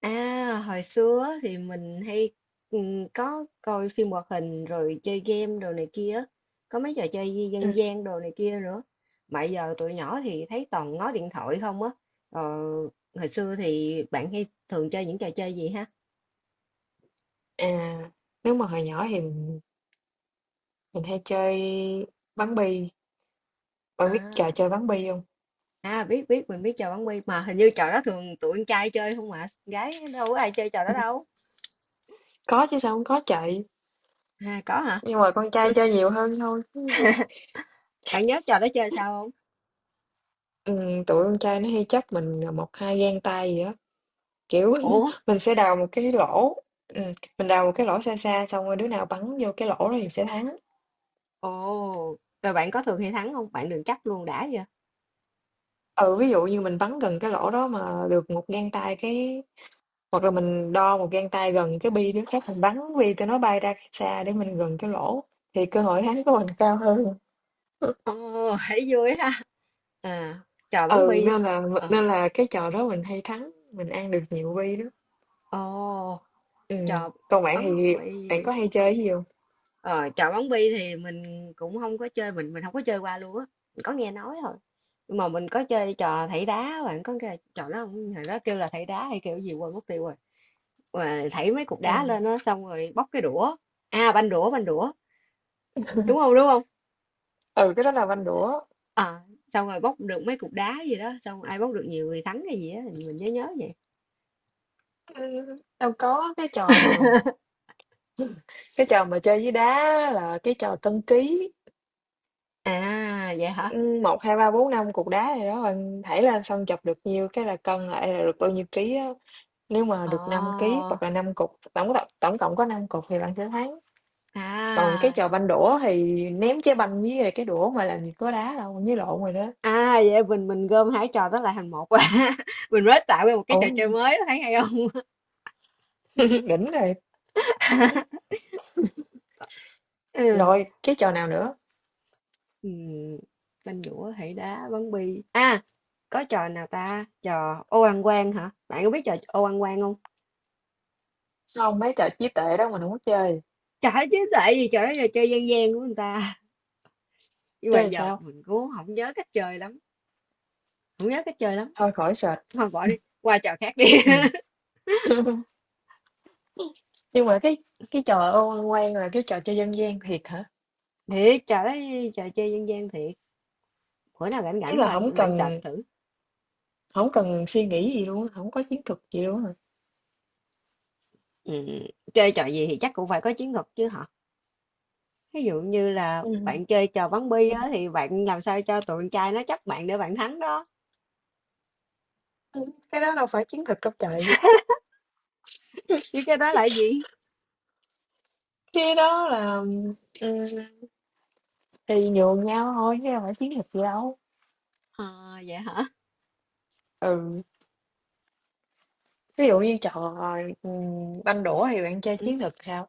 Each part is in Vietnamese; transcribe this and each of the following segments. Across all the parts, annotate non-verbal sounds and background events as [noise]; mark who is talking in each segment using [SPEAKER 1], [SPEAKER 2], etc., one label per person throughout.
[SPEAKER 1] À, hồi xưa á thì mình hay có coi phim hoạt hình rồi chơi game đồ này kia, á. Có mấy trò chơi dân
[SPEAKER 2] Ừm,
[SPEAKER 1] dân gian đồ này kia nữa. Mà giờ tụi nhỏ thì thấy toàn ngó điện thoại không á. Ờ, hồi xưa thì bạn hay thường chơi những trò chơi gì ha?
[SPEAKER 2] à, Nếu mà hồi nhỏ thì mình hay chơi bắn bi, bạn biết trò
[SPEAKER 1] À,
[SPEAKER 2] chơi bắn bi không?
[SPEAKER 1] à, biết biết mình biết trò bắn bi mà hình như trò đó thường tụi con trai chơi không mà gái đâu có ai chơi trò đó đâu.
[SPEAKER 2] [laughs] Có chứ, sao không có trời,
[SPEAKER 1] À có hả?
[SPEAKER 2] nhưng mà con trai chơi nhiều hơn thôi.
[SPEAKER 1] Bạn nhớ trò đó chơi sao không?
[SPEAKER 2] Tụi con trai nó hay chấp mình, à, 1, 2 gang tay gì đó, kiểu, [laughs]
[SPEAKER 1] Ủa?
[SPEAKER 2] mình sẽ đào một cái lỗ, ừm, mình đào một cái lỗ xa xa xong rồi đứa nào bắn vô cái lỗ đó thì sẽ thắng.
[SPEAKER 1] Ồ, rồi bạn có thường hay thắng không? Bạn đừng chắc luôn đã.
[SPEAKER 2] Ừ, ví dụ như mình bắn gần cái lỗ đó mà được một gang tay cái. Hoặc là mình đo một gang tay gần cái bi đó, khác mình bắn bi cho nó bay ra xa để mình gần cái lỗ thì cơ hội thắng của mình cao hơn. [laughs]
[SPEAKER 1] Ồ, thấy vui ha. À, trò bắn
[SPEAKER 2] Ừ,
[SPEAKER 1] bi
[SPEAKER 2] nên
[SPEAKER 1] thôi.
[SPEAKER 2] là
[SPEAKER 1] Ờ.
[SPEAKER 2] nên là cái trò đó mình hay thắng, mình ăn được nhiều bi đó.
[SPEAKER 1] Ồ,
[SPEAKER 2] Ừ,
[SPEAKER 1] chò
[SPEAKER 2] còn bạn
[SPEAKER 1] bắn
[SPEAKER 2] thì
[SPEAKER 1] bi.
[SPEAKER 2] bạn có hay chơi cái gì không?
[SPEAKER 1] Ờ, chò bắn bi thì mình cũng không có chơi, mình không có chơi qua luôn á. Mình có nghe nói thôi. Nhưng mà mình có chơi trò thảy đá, bạn có nghe trò đó không? Hồi đó kêu là thảy đá hay kêu gì quên mất tiêu rồi. Mà thảy mấy cục đá
[SPEAKER 2] Ừ.
[SPEAKER 1] lên á xong rồi bóc cái đũa. À banh đũa, banh đũa. Đúng không? Đúng không?
[SPEAKER 2] Ừ, cái đó là banh đũa.
[SPEAKER 1] À, xong rồi bóc được mấy cục đá gì đó, xong ai bóc được nhiều người thắng hay gì á, mình nhớ nhớ vậy.
[SPEAKER 2] Ừm, đâu có, cái trò mà
[SPEAKER 1] [laughs]
[SPEAKER 2] cái trò mà chơi với đá là cái trò cân ký,
[SPEAKER 1] À, vậy hả?
[SPEAKER 2] 1, 2, 3, 4, 5 cục đá gì đó, bạn thảy lên xong chọc được nhiêu cái là cân lại là được bao nhiêu ký á. Nếu mà
[SPEAKER 1] Ồ,
[SPEAKER 2] được 5 ký hoặc là 5 cục, tổng cộng có 5 cục thì bạn sẽ thắng. Còn cái
[SPEAKER 1] à.
[SPEAKER 2] trò banh đũa thì ném trái banh với lại cái đũa mà làm gì có đá đâu, với lộn rồi đó.
[SPEAKER 1] À, vậy mình gom hai trò đó lại thành một quá. [laughs] Mình mới tạo ra một cái trò chơi
[SPEAKER 2] Ôi,
[SPEAKER 1] mới, thấy hay không?
[SPEAKER 2] [laughs] đỉnh rồi.
[SPEAKER 1] [laughs] Ừ.
[SPEAKER 2] Rồi, cái trò nào nữa?
[SPEAKER 1] Ừm, Banh dũa, hỷ đá, bắn bi. À, có trò nào ta? Trò ô ăn quan hả? Bạn có biết trò ô ăn quan không?
[SPEAKER 2] Không, mấy trò trí tuệ đó mình không có chơi.
[SPEAKER 1] Trời ơi, chứ tại vì trò đó trò chơi dân gian của người ta. [laughs] Nhưng mà
[SPEAKER 2] Chơi làm
[SPEAKER 1] giờ
[SPEAKER 2] sao?
[SPEAKER 1] mình cũng không nhớ cách chơi lắm. Không nhớ cách chơi lắm.
[SPEAKER 2] Thôi khỏi search.
[SPEAKER 1] Thôi bỏ đi, qua trò khác đi.
[SPEAKER 2] Ừ.
[SPEAKER 1] [laughs]
[SPEAKER 2] [laughs] Nhưng mà cái trò ô quan là cái trò chơi dân gian thiệt hả?
[SPEAKER 1] Thiệt, trò đó trò chơi dân gian thiệt. Bữa nào rảnh
[SPEAKER 2] Ý
[SPEAKER 1] rảnh
[SPEAKER 2] là
[SPEAKER 1] bà
[SPEAKER 2] không
[SPEAKER 1] bạn sạch
[SPEAKER 2] cần
[SPEAKER 1] thử.
[SPEAKER 2] không cần suy nghĩ gì luôn, không có chiến thuật gì luôn hả?
[SPEAKER 1] Ừm, chơi trò gì thì chắc cũng phải có chiến thuật chứ hả? Ví dụ như là
[SPEAKER 2] Ừ.
[SPEAKER 1] bạn chơi trò bắn bi á, thì bạn làm sao cho tụi con trai nó chấp bạn để bạn thắng đó,
[SPEAKER 2] Cái đó đâu phải chiến thuật trong trời.
[SPEAKER 1] chứ cái đó là gì?
[SPEAKER 2] Cái đó là, ừ, thì nhường nhau thôi chứ không phải chiến thuật gì đâu.
[SPEAKER 1] Ờ, vậy hả?
[SPEAKER 2] Ừ, ví dụ như trò, ừ, banh đũa thì bạn chơi
[SPEAKER 1] Ừm,
[SPEAKER 2] chiến thuật sao?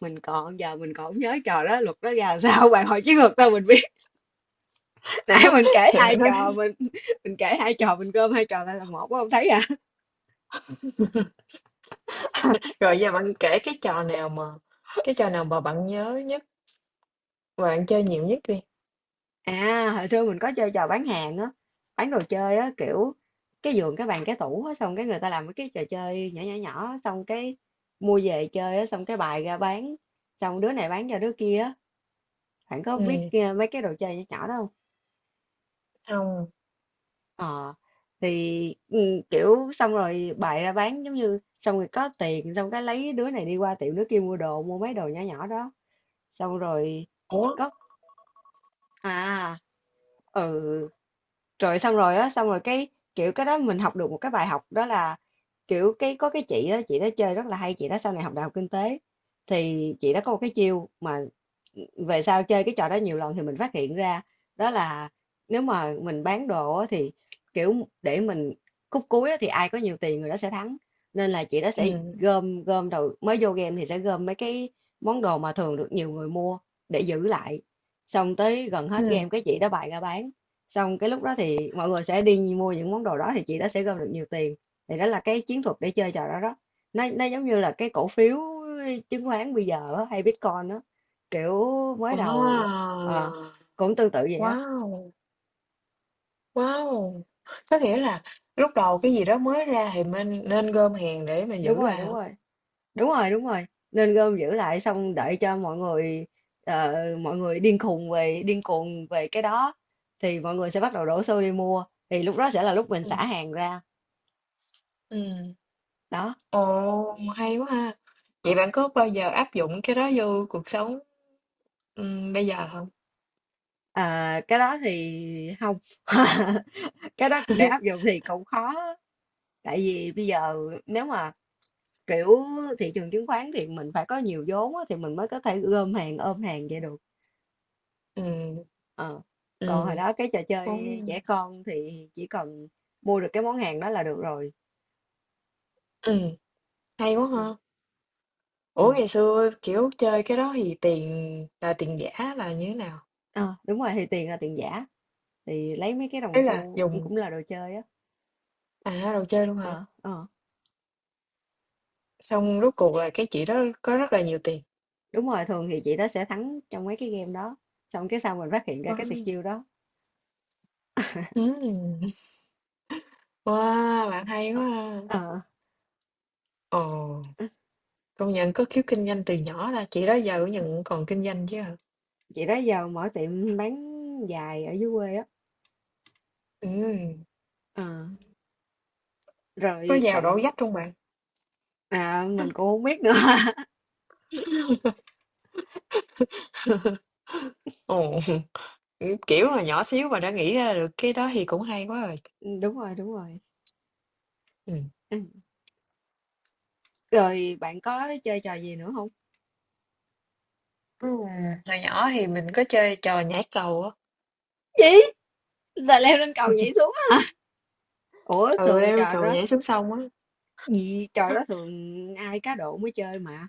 [SPEAKER 1] mình còn giờ mình còn không nhớ trò đó, luật đó ra làm sao, [laughs] bạn hỏi chiến thuật sao mình biết. Nãy
[SPEAKER 2] [laughs]
[SPEAKER 1] mình kể
[SPEAKER 2] Thì
[SPEAKER 1] hai
[SPEAKER 2] bạn
[SPEAKER 1] trò,
[SPEAKER 2] nói
[SPEAKER 1] mình kể hai trò mình gom hai trò lại là một có không thấy à?
[SPEAKER 2] rồi, giờ bạn kể cái trò nào mà bạn nhớ nhất và bạn chơi nhiều nhất đi.
[SPEAKER 1] À, hồi xưa mình có chơi trò bán hàng á, bán đồ chơi á, kiểu cái giường, cái bàn, cái tủ á, xong cái người ta làm mấy cái trò chơi nhỏ nhỏ nhỏ, xong cái mua về chơi á, xong cái bài ra bán, xong đứa này bán cho đứa kia á, bạn có biết
[SPEAKER 2] Ừ.
[SPEAKER 1] mấy cái đồ chơi nhỏ nhỏ đó không?
[SPEAKER 2] Không.
[SPEAKER 1] Ờ, thì kiểu xong rồi bài ra bán giống như xong rồi có tiền, xong cái lấy đứa này đi qua tiệm đứa kia mua đồ, mua mấy đồ nhỏ nhỏ đó, xong rồi
[SPEAKER 2] Ủa.
[SPEAKER 1] có à ừ rồi xong rồi á xong rồi cái kiểu cái đó mình học được một cái bài học đó là kiểu cái có cái chị đó chơi rất là hay, chị đó sau này học đại học kinh tế, thì chị đó có một cái chiêu mà về sau chơi cái trò đó nhiều lần thì mình phát hiện ra đó là nếu mà mình bán đồ á, thì kiểu để mình khúc cuối á, thì ai có nhiều tiền người đó sẽ thắng, nên là chị đó sẽ
[SPEAKER 2] ừ
[SPEAKER 1] gom gom đầu mới vô game thì sẽ gom mấy cái món đồ mà thường được nhiều người mua để giữ lại, xong tới gần hết game
[SPEAKER 2] ừ
[SPEAKER 1] cái chị đó bày ra bán, xong cái lúc đó thì mọi người sẽ đi mua những món đồ đó thì chị đó sẽ gom được nhiều tiền. Thì đó là cái chiến thuật để chơi trò đó đó. Nó giống như là cái cổ phiếu chứng khoán bây giờ á, hay Bitcoin đó, kiểu mới đầu ờ,
[SPEAKER 2] Wow.
[SPEAKER 1] cũng tương tự vậy á.
[SPEAKER 2] Wow wow Có nghĩa là lúc đầu cái gì đó mới ra thì mình nên gom hàng để mà
[SPEAKER 1] Đúng
[SPEAKER 2] giữ
[SPEAKER 1] rồi
[SPEAKER 2] lại
[SPEAKER 1] đúng
[SPEAKER 2] hả?
[SPEAKER 1] rồi. Đúng rồi đúng rồi. Nên gom giữ lại xong đợi cho mọi người ờ, mọi người điên khùng về điên cuồng về cái đó thì mọi người sẽ bắt đầu đổ xô đi mua, thì lúc đó sẽ là lúc mình
[SPEAKER 2] ừ
[SPEAKER 1] xả hàng ra
[SPEAKER 2] ừ
[SPEAKER 1] đó.
[SPEAKER 2] Ồ, hay quá ha! Vậy
[SPEAKER 1] Ờ.
[SPEAKER 2] bạn có bao giờ áp dụng cái đó vô cuộc sống, bây giờ không?
[SPEAKER 1] À, cái đó thì không. [laughs] Cái đó để áp
[SPEAKER 2] [laughs]
[SPEAKER 1] dụng thì cũng khó, tại vì bây giờ nếu mà kiểu thị trường chứng khoán thì mình phải có nhiều vốn á, thì mình mới có thể gom hàng ôm hàng vậy được.
[SPEAKER 2] Ừm,
[SPEAKER 1] Ờ. Còn hồi
[SPEAKER 2] ừm,
[SPEAKER 1] đó cái trò
[SPEAKER 2] đúng
[SPEAKER 1] chơi trẻ
[SPEAKER 2] rồi. [laughs]
[SPEAKER 1] con thì chỉ cần mua được cái món hàng đó là được rồi.
[SPEAKER 2] Hay quá
[SPEAKER 1] Ừ.
[SPEAKER 2] ha! Ủa,
[SPEAKER 1] Ừ.
[SPEAKER 2] ngày xưa, kiểu, chơi cái đó thì tiền là tiền giả là như thế nào?
[SPEAKER 1] Ờ, đúng rồi thì tiền là tiền giả, thì lấy mấy cái
[SPEAKER 2] Ý
[SPEAKER 1] đồng
[SPEAKER 2] là
[SPEAKER 1] xu
[SPEAKER 2] dùng,
[SPEAKER 1] cũng là đồ chơi á.
[SPEAKER 2] à, đồ chơi luôn hả?
[SPEAKER 1] Ờ, ờ.
[SPEAKER 2] Xong rốt cuộc là cái chị đó có rất là nhiều tiền.
[SPEAKER 1] Đúng rồi, thường thì chị đó sẽ thắng trong mấy cái game đó, xong cái sau mình phát hiện ra cái tuyệt
[SPEAKER 2] Wow!
[SPEAKER 1] chiêu đó.
[SPEAKER 2] Ừm, wow, bạn hay
[SPEAKER 1] Ờ.
[SPEAKER 2] quá ha!
[SPEAKER 1] Ờ.
[SPEAKER 2] Ồ, công nhận có khiếu kinh doanh từ nhỏ ta, chị đó giờ cũng nhận còn kinh doanh chứ hả?
[SPEAKER 1] Chị đó giờ mở tiệm bán giày ở dưới quê á.
[SPEAKER 2] Ừm.
[SPEAKER 1] Ờ,
[SPEAKER 2] Có
[SPEAKER 1] rồi
[SPEAKER 2] vào đổ
[SPEAKER 1] bạn
[SPEAKER 2] vách không bạn?
[SPEAKER 1] à, mình cũng không biết nữa. [laughs]
[SPEAKER 2] Ồ, [laughs] kiểu hồi nhỏ xíu mà đã nghĩ ra được cái đó thì cũng hay quá rồi.
[SPEAKER 1] Đúng rồi đúng rồi. [laughs]
[SPEAKER 2] Ừ.
[SPEAKER 1] Ừ. Rồi bạn có chơi trò gì nữa không?
[SPEAKER 2] Ừ. Hồi nhỏ thì mình có chơi trò nhảy cầu á.
[SPEAKER 1] Gì là leo lên cầu nhảy xuống á? Ủa
[SPEAKER 2] Ừ,
[SPEAKER 1] thường
[SPEAKER 2] leo
[SPEAKER 1] trò
[SPEAKER 2] cầu
[SPEAKER 1] đó,
[SPEAKER 2] nhảy xuống sông á.
[SPEAKER 1] gì trò đó thường ai cá độ mới chơi mà.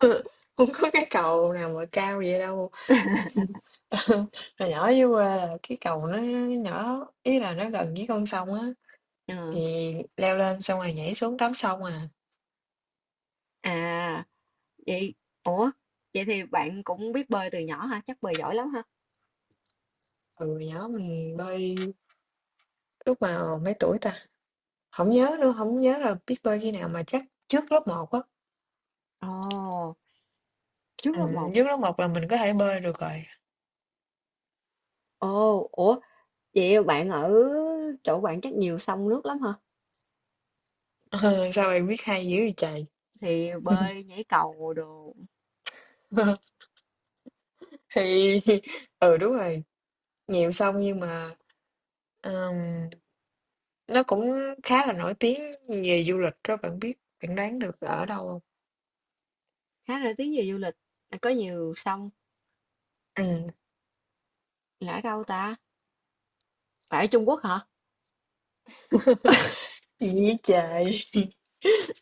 [SPEAKER 2] [laughs] Không có cái cầu nào mà cao vậy đâu.
[SPEAKER 1] [laughs]
[SPEAKER 2] [laughs] Hồi nhỏ dưới quê là cái cầu nó nhỏ, ý là nó gần với con sông á.
[SPEAKER 1] Ừ.
[SPEAKER 2] Thì leo lên xong rồi nhảy xuống tắm sông à.
[SPEAKER 1] À vậy, ủa vậy thì bạn cũng biết bơi từ nhỏ hả? Chắc bơi giỏi lắm hả?
[SPEAKER 2] Ừ, hồi nhỏ mình bơi lúc mà mấy tuổi ta. Không nhớ nữa, không nhớ là biết bơi khi nào mà chắc trước lớp một á.
[SPEAKER 1] Ồ, trước lớp một.
[SPEAKER 2] Nước lóc mọc là mình có thể bơi được rồi. [laughs]
[SPEAKER 1] Ồ, ủa vậy bạn ở chỗ bạn chắc nhiều sông nước lắm hả?
[SPEAKER 2] Sao bạn biết hay dữ vậy trời?
[SPEAKER 1] Thì bơi nhảy cầu đồ.
[SPEAKER 2] [laughs] Thì, ừ đúng rồi, nhiều sông nhưng mà, ừm, nó cũng khá là nổi tiếng về du lịch đó bạn biết, bạn đoán được ở đâu không?
[SPEAKER 1] Khá là tiếng về du lịch. À, có nhiều sông,
[SPEAKER 2] Ừm,
[SPEAKER 1] là ở đâu ta, phải ở Trung Quốc hả?
[SPEAKER 2] Gì vậy trời? [laughs]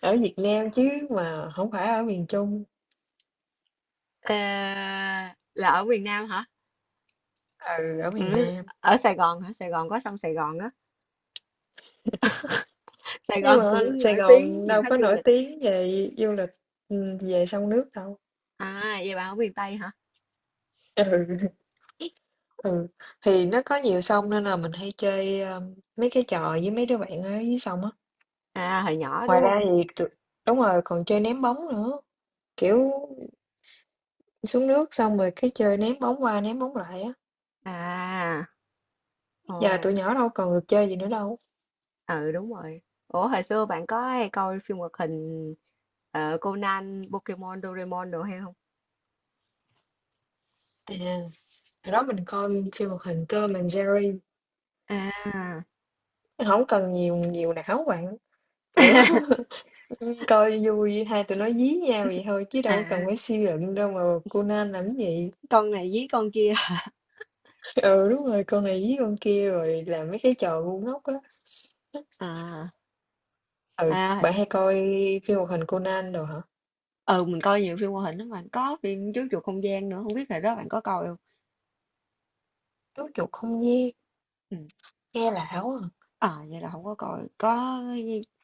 [SPEAKER 2] Ở Việt Nam chứ, mà không phải ở miền Trung.
[SPEAKER 1] Ờ, là ở miền Nam hả?
[SPEAKER 2] Ừ, ở miền
[SPEAKER 1] Ừ,
[SPEAKER 2] Nam.
[SPEAKER 1] ở Sài Gòn hả? Sài Gòn có sông Sài Gòn á, Sài
[SPEAKER 2] Nhưng
[SPEAKER 1] Gòn
[SPEAKER 2] mà
[SPEAKER 1] cũng
[SPEAKER 2] Sài
[SPEAKER 1] nổi tiếng
[SPEAKER 2] Gòn
[SPEAKER 1] nhiều
[SPEAKER 2] đâu
[SPEAKER 1] khách
[SPEAKER 2] có
[SPEAKER 1] du
[SPEAKER 2] nổi
[SPEAKER 1] lịch.
[SPEAKER 2] tiếng về du lịch, về sông nước đâu.
[SPEAKER 1] À vậy bà ở miền Tây hả?
[SPEAKER 2] [laughs] Ừ. Ừ, thì nó có nhiều sông nên là mình hay chơi, mấy cái trò với mấy đứa bạn ở dưới sông á.
[SPEAKER 1] À hồi nhỏ
[SPEAKER 2] Ngoài
[SPEAKER 1] đúng không?
[SPEAKER 2] ra thì tụi- đúng rồi, còn chơi ném bóng nữa. Kiểu xuống nước xong rồi cái chơi ném bóng qua ném bóng lại á.
[SPEAKER 1] À. Ồ.
[SPEAKER 2] Giờ tụi nhỏ đâu còn được chơi gì nữa đâu.
[SPEAKER 1] Ừ đúng rồi. Ủa hồi xưa bạn có hay coi phim hoạt hình Conan, Pokemon, Doraemon đồ hay không?
[SPEAKER 2] À, hồi đó mình coi phim hoạt hình Tom and Jerry.
[SPEAKER 1] À.
[SPEAKER 2] Không cần nhiều nhiều não bạn. Kiểu
[SPEAKER 1] [laughs]
[SPEAKER 2] [laughs] coi vui hai tụi nó dí nhau vậy thôi chứ đâu có cần
[SPEAKER 1] À,
[SPEAKER 2] phải suy luận đâu mà Conan làm cái gì.
[SPEAKER 1] con này với con kia.
[SPEAKER 2] Ừ, đúng rồi, con này với con kia rồi làm mấy cái trò ngu ngốc á.
[SPEAKER 1] À.
[SPEAKER 2] Ừ,
[SPEAKER 1] À,
[SPEAKER 2] bạn hay coi phim hoạt hình Conan rồi hả?
[SPEAKER 1] ừ mình coi nhiều phim hoạt hình lắm, mà có phim Chú Chuột Không Gian nữa không biết hồi đó bạn có coi không?
[SPEAKER 2] Chú chuột không gian,
[SPEAKER 1] Ừ.
[SPEAKER 2] nghe lạ quá. À.
[SPEAKER 1] À vậy là không có coi. Có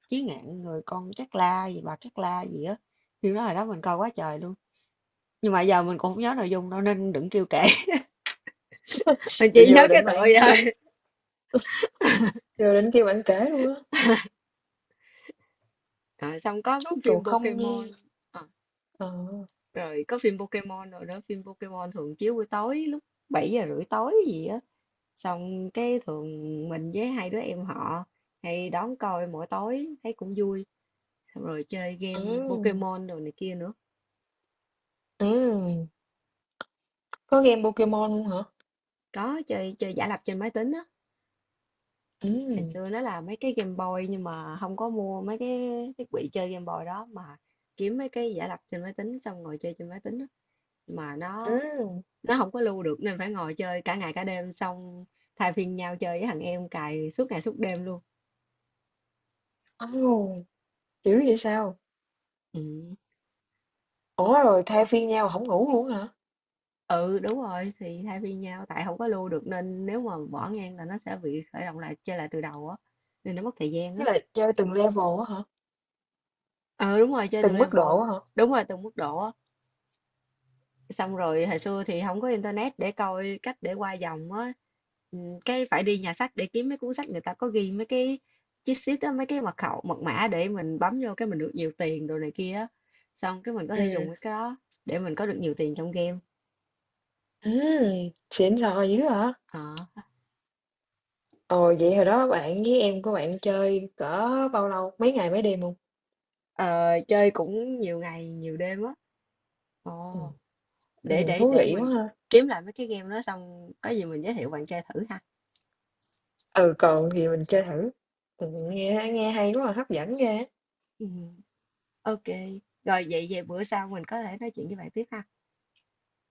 [SPEAKER 1] Chí Ngạn người con Cát La gì bà Cát La gì á, phim đó hồi đó mình coi quá trời luôn, nhưng mà giờ mình cũng không nhớ nội dung đâu nên đừng kêu kể. [laughs] Mình
[SPEAKER 2] Rồi
[SPEAKER 1] chỉ
[SPEAKER 2] Vô
[SPEAKER 1] nhớ cái
[SPEAKER 2] định
[SPEAKER 1] tựa
[SPEAKER 2] bạn
[SPEAKER 1] vậy
[SPEAKER 2] kêu,
[SPEAKER 1] thôi.
[SPEAKER 2] vô định kêu bạn kể luôn á.
[SPEAKER 1] À, xong có
[SPEAKER 2] Chú
[SPEAKER 1] phim
[SPEAKER 2] chuột không gian.
[SPEAKER 1] Pokemon. À,
[SPEAKER 2] Ờ.
[SPEAKER 1] rồi có phim Pokemon, rồi đó phim Pokemon thường chiếu buổi tối lúc 7:30 tối gì á, xong cái thường mình với hai đứa em họ hay đón coi mỗi tối thấy cũng vui, xong rồi chơi game
[SPEAKER 2] Ừ.
[SPEAKER 1] Pokemon đồ này kia nữa.
[SPEAKER 2] Ừ. Có game Pokemon luôn hả?
[SPEAKER 1] Có chơi chơi giả lập trên máy tính á.
[SPEAKER 2] Ừ.
[SPEAKER 1] Ngày xưa nó là mấy cái Game Boy nhưng mà không có mua mấy cái thiết bị chơi Game Boy đó mà kiếm mấy cái giả lập trên máy tính xong ngồi chơi trên máy tính á, mà nó
[SPEAKER 2] Ừ.
[SPEAKER 1] nó không có lưu được nên phải ngồi chơi cả ngày cả đêm, xong thay phiên nhau chơi với thằng em cài suốt ngày suốt đêm luôn.
[SPEAKER 2] Ồ, dữ vậy sao?
[SPEAKER 1] Ừ.
[SPEAKER 2] Ủa rồi thay phiên nhau không ngủ luôn hả?
[SPEAKER 1] Ừ đúng rồi, thì thay phiên nhau tại không có lưu được, nên nếu mà bỏ ngang là nó sẽ bị khởi động lại chơi lại từ đầu á, nên nó mất thời gian
[SPEAKER 2] Tức
[SPEAKER 1] á.
[SPEAKER 2] là chơi từng level á hả?
[SPEAKER 1] Ờ đúng rồi, chơi từng
[SPEAKER 2] Từng mức độ
[SPEAKER 1] level,
[SPEAKER 2] á hả?
[SPEAKER 1] đúng rồi từng mức độ á. Xong rồi hồi xưa thì không có internet để coi cách để qua vòng á. Ừ, cái phải đi nhà sách để kiếm mấy cuốn sách người ta có ghi mấy cái cheat sheet á, mấy cái mật khẩu, mật mã để mình bấm vô cái mình được nhiều tiền đồ này kia á. Xong cái mình có thể
[SPEAKER 2] Ừ.
[SPEAKER 1] dùng cái đó để mình có được nhiều tiền trong game.
[SPEAKER 2] Ừ, xịn sò dữ hả?
[SPEAKER 1] Ờ.
[SPEAKER 2] Ồ, vậy hồi đó bạn với em của bạn chơi cỡ bao lâu? Mấy ngày mấy đêm hông?
[SPEAKER 1] Ờ, chơi cũng nhiều ngày, nhiều đêm á. Ồ,
[SPEAKER 2] Ừm,
[SPEAKER 1] để để
[SPEAKER 2] thú
[SPEAKER 1] để
[SPEAKER 2] vị quá
[SPEAKER 1] mình
[SPEAKER 2] ha.
[SPEAKER 1] kiếm lại mấy cái game đó xong có gì mình giới thiệu bạn chơi thử ha.
[SPEAKER 2] Ừ, còn thì mình chơi thử. Nghe nghe hay quá à, hấp dẫn ghê á.
[SPEAKER 1] Ừ. Ok, rồi vậy về bữa sau mình có thể nói chuyện với bạn tiếp ha.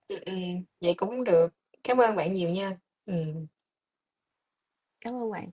[SPEAKER 2] Ừm, vậy cũng được. Cảm ơn bạn nhiều nha. Ừm.
[SPEAKER 1] Cảm ơn bạn.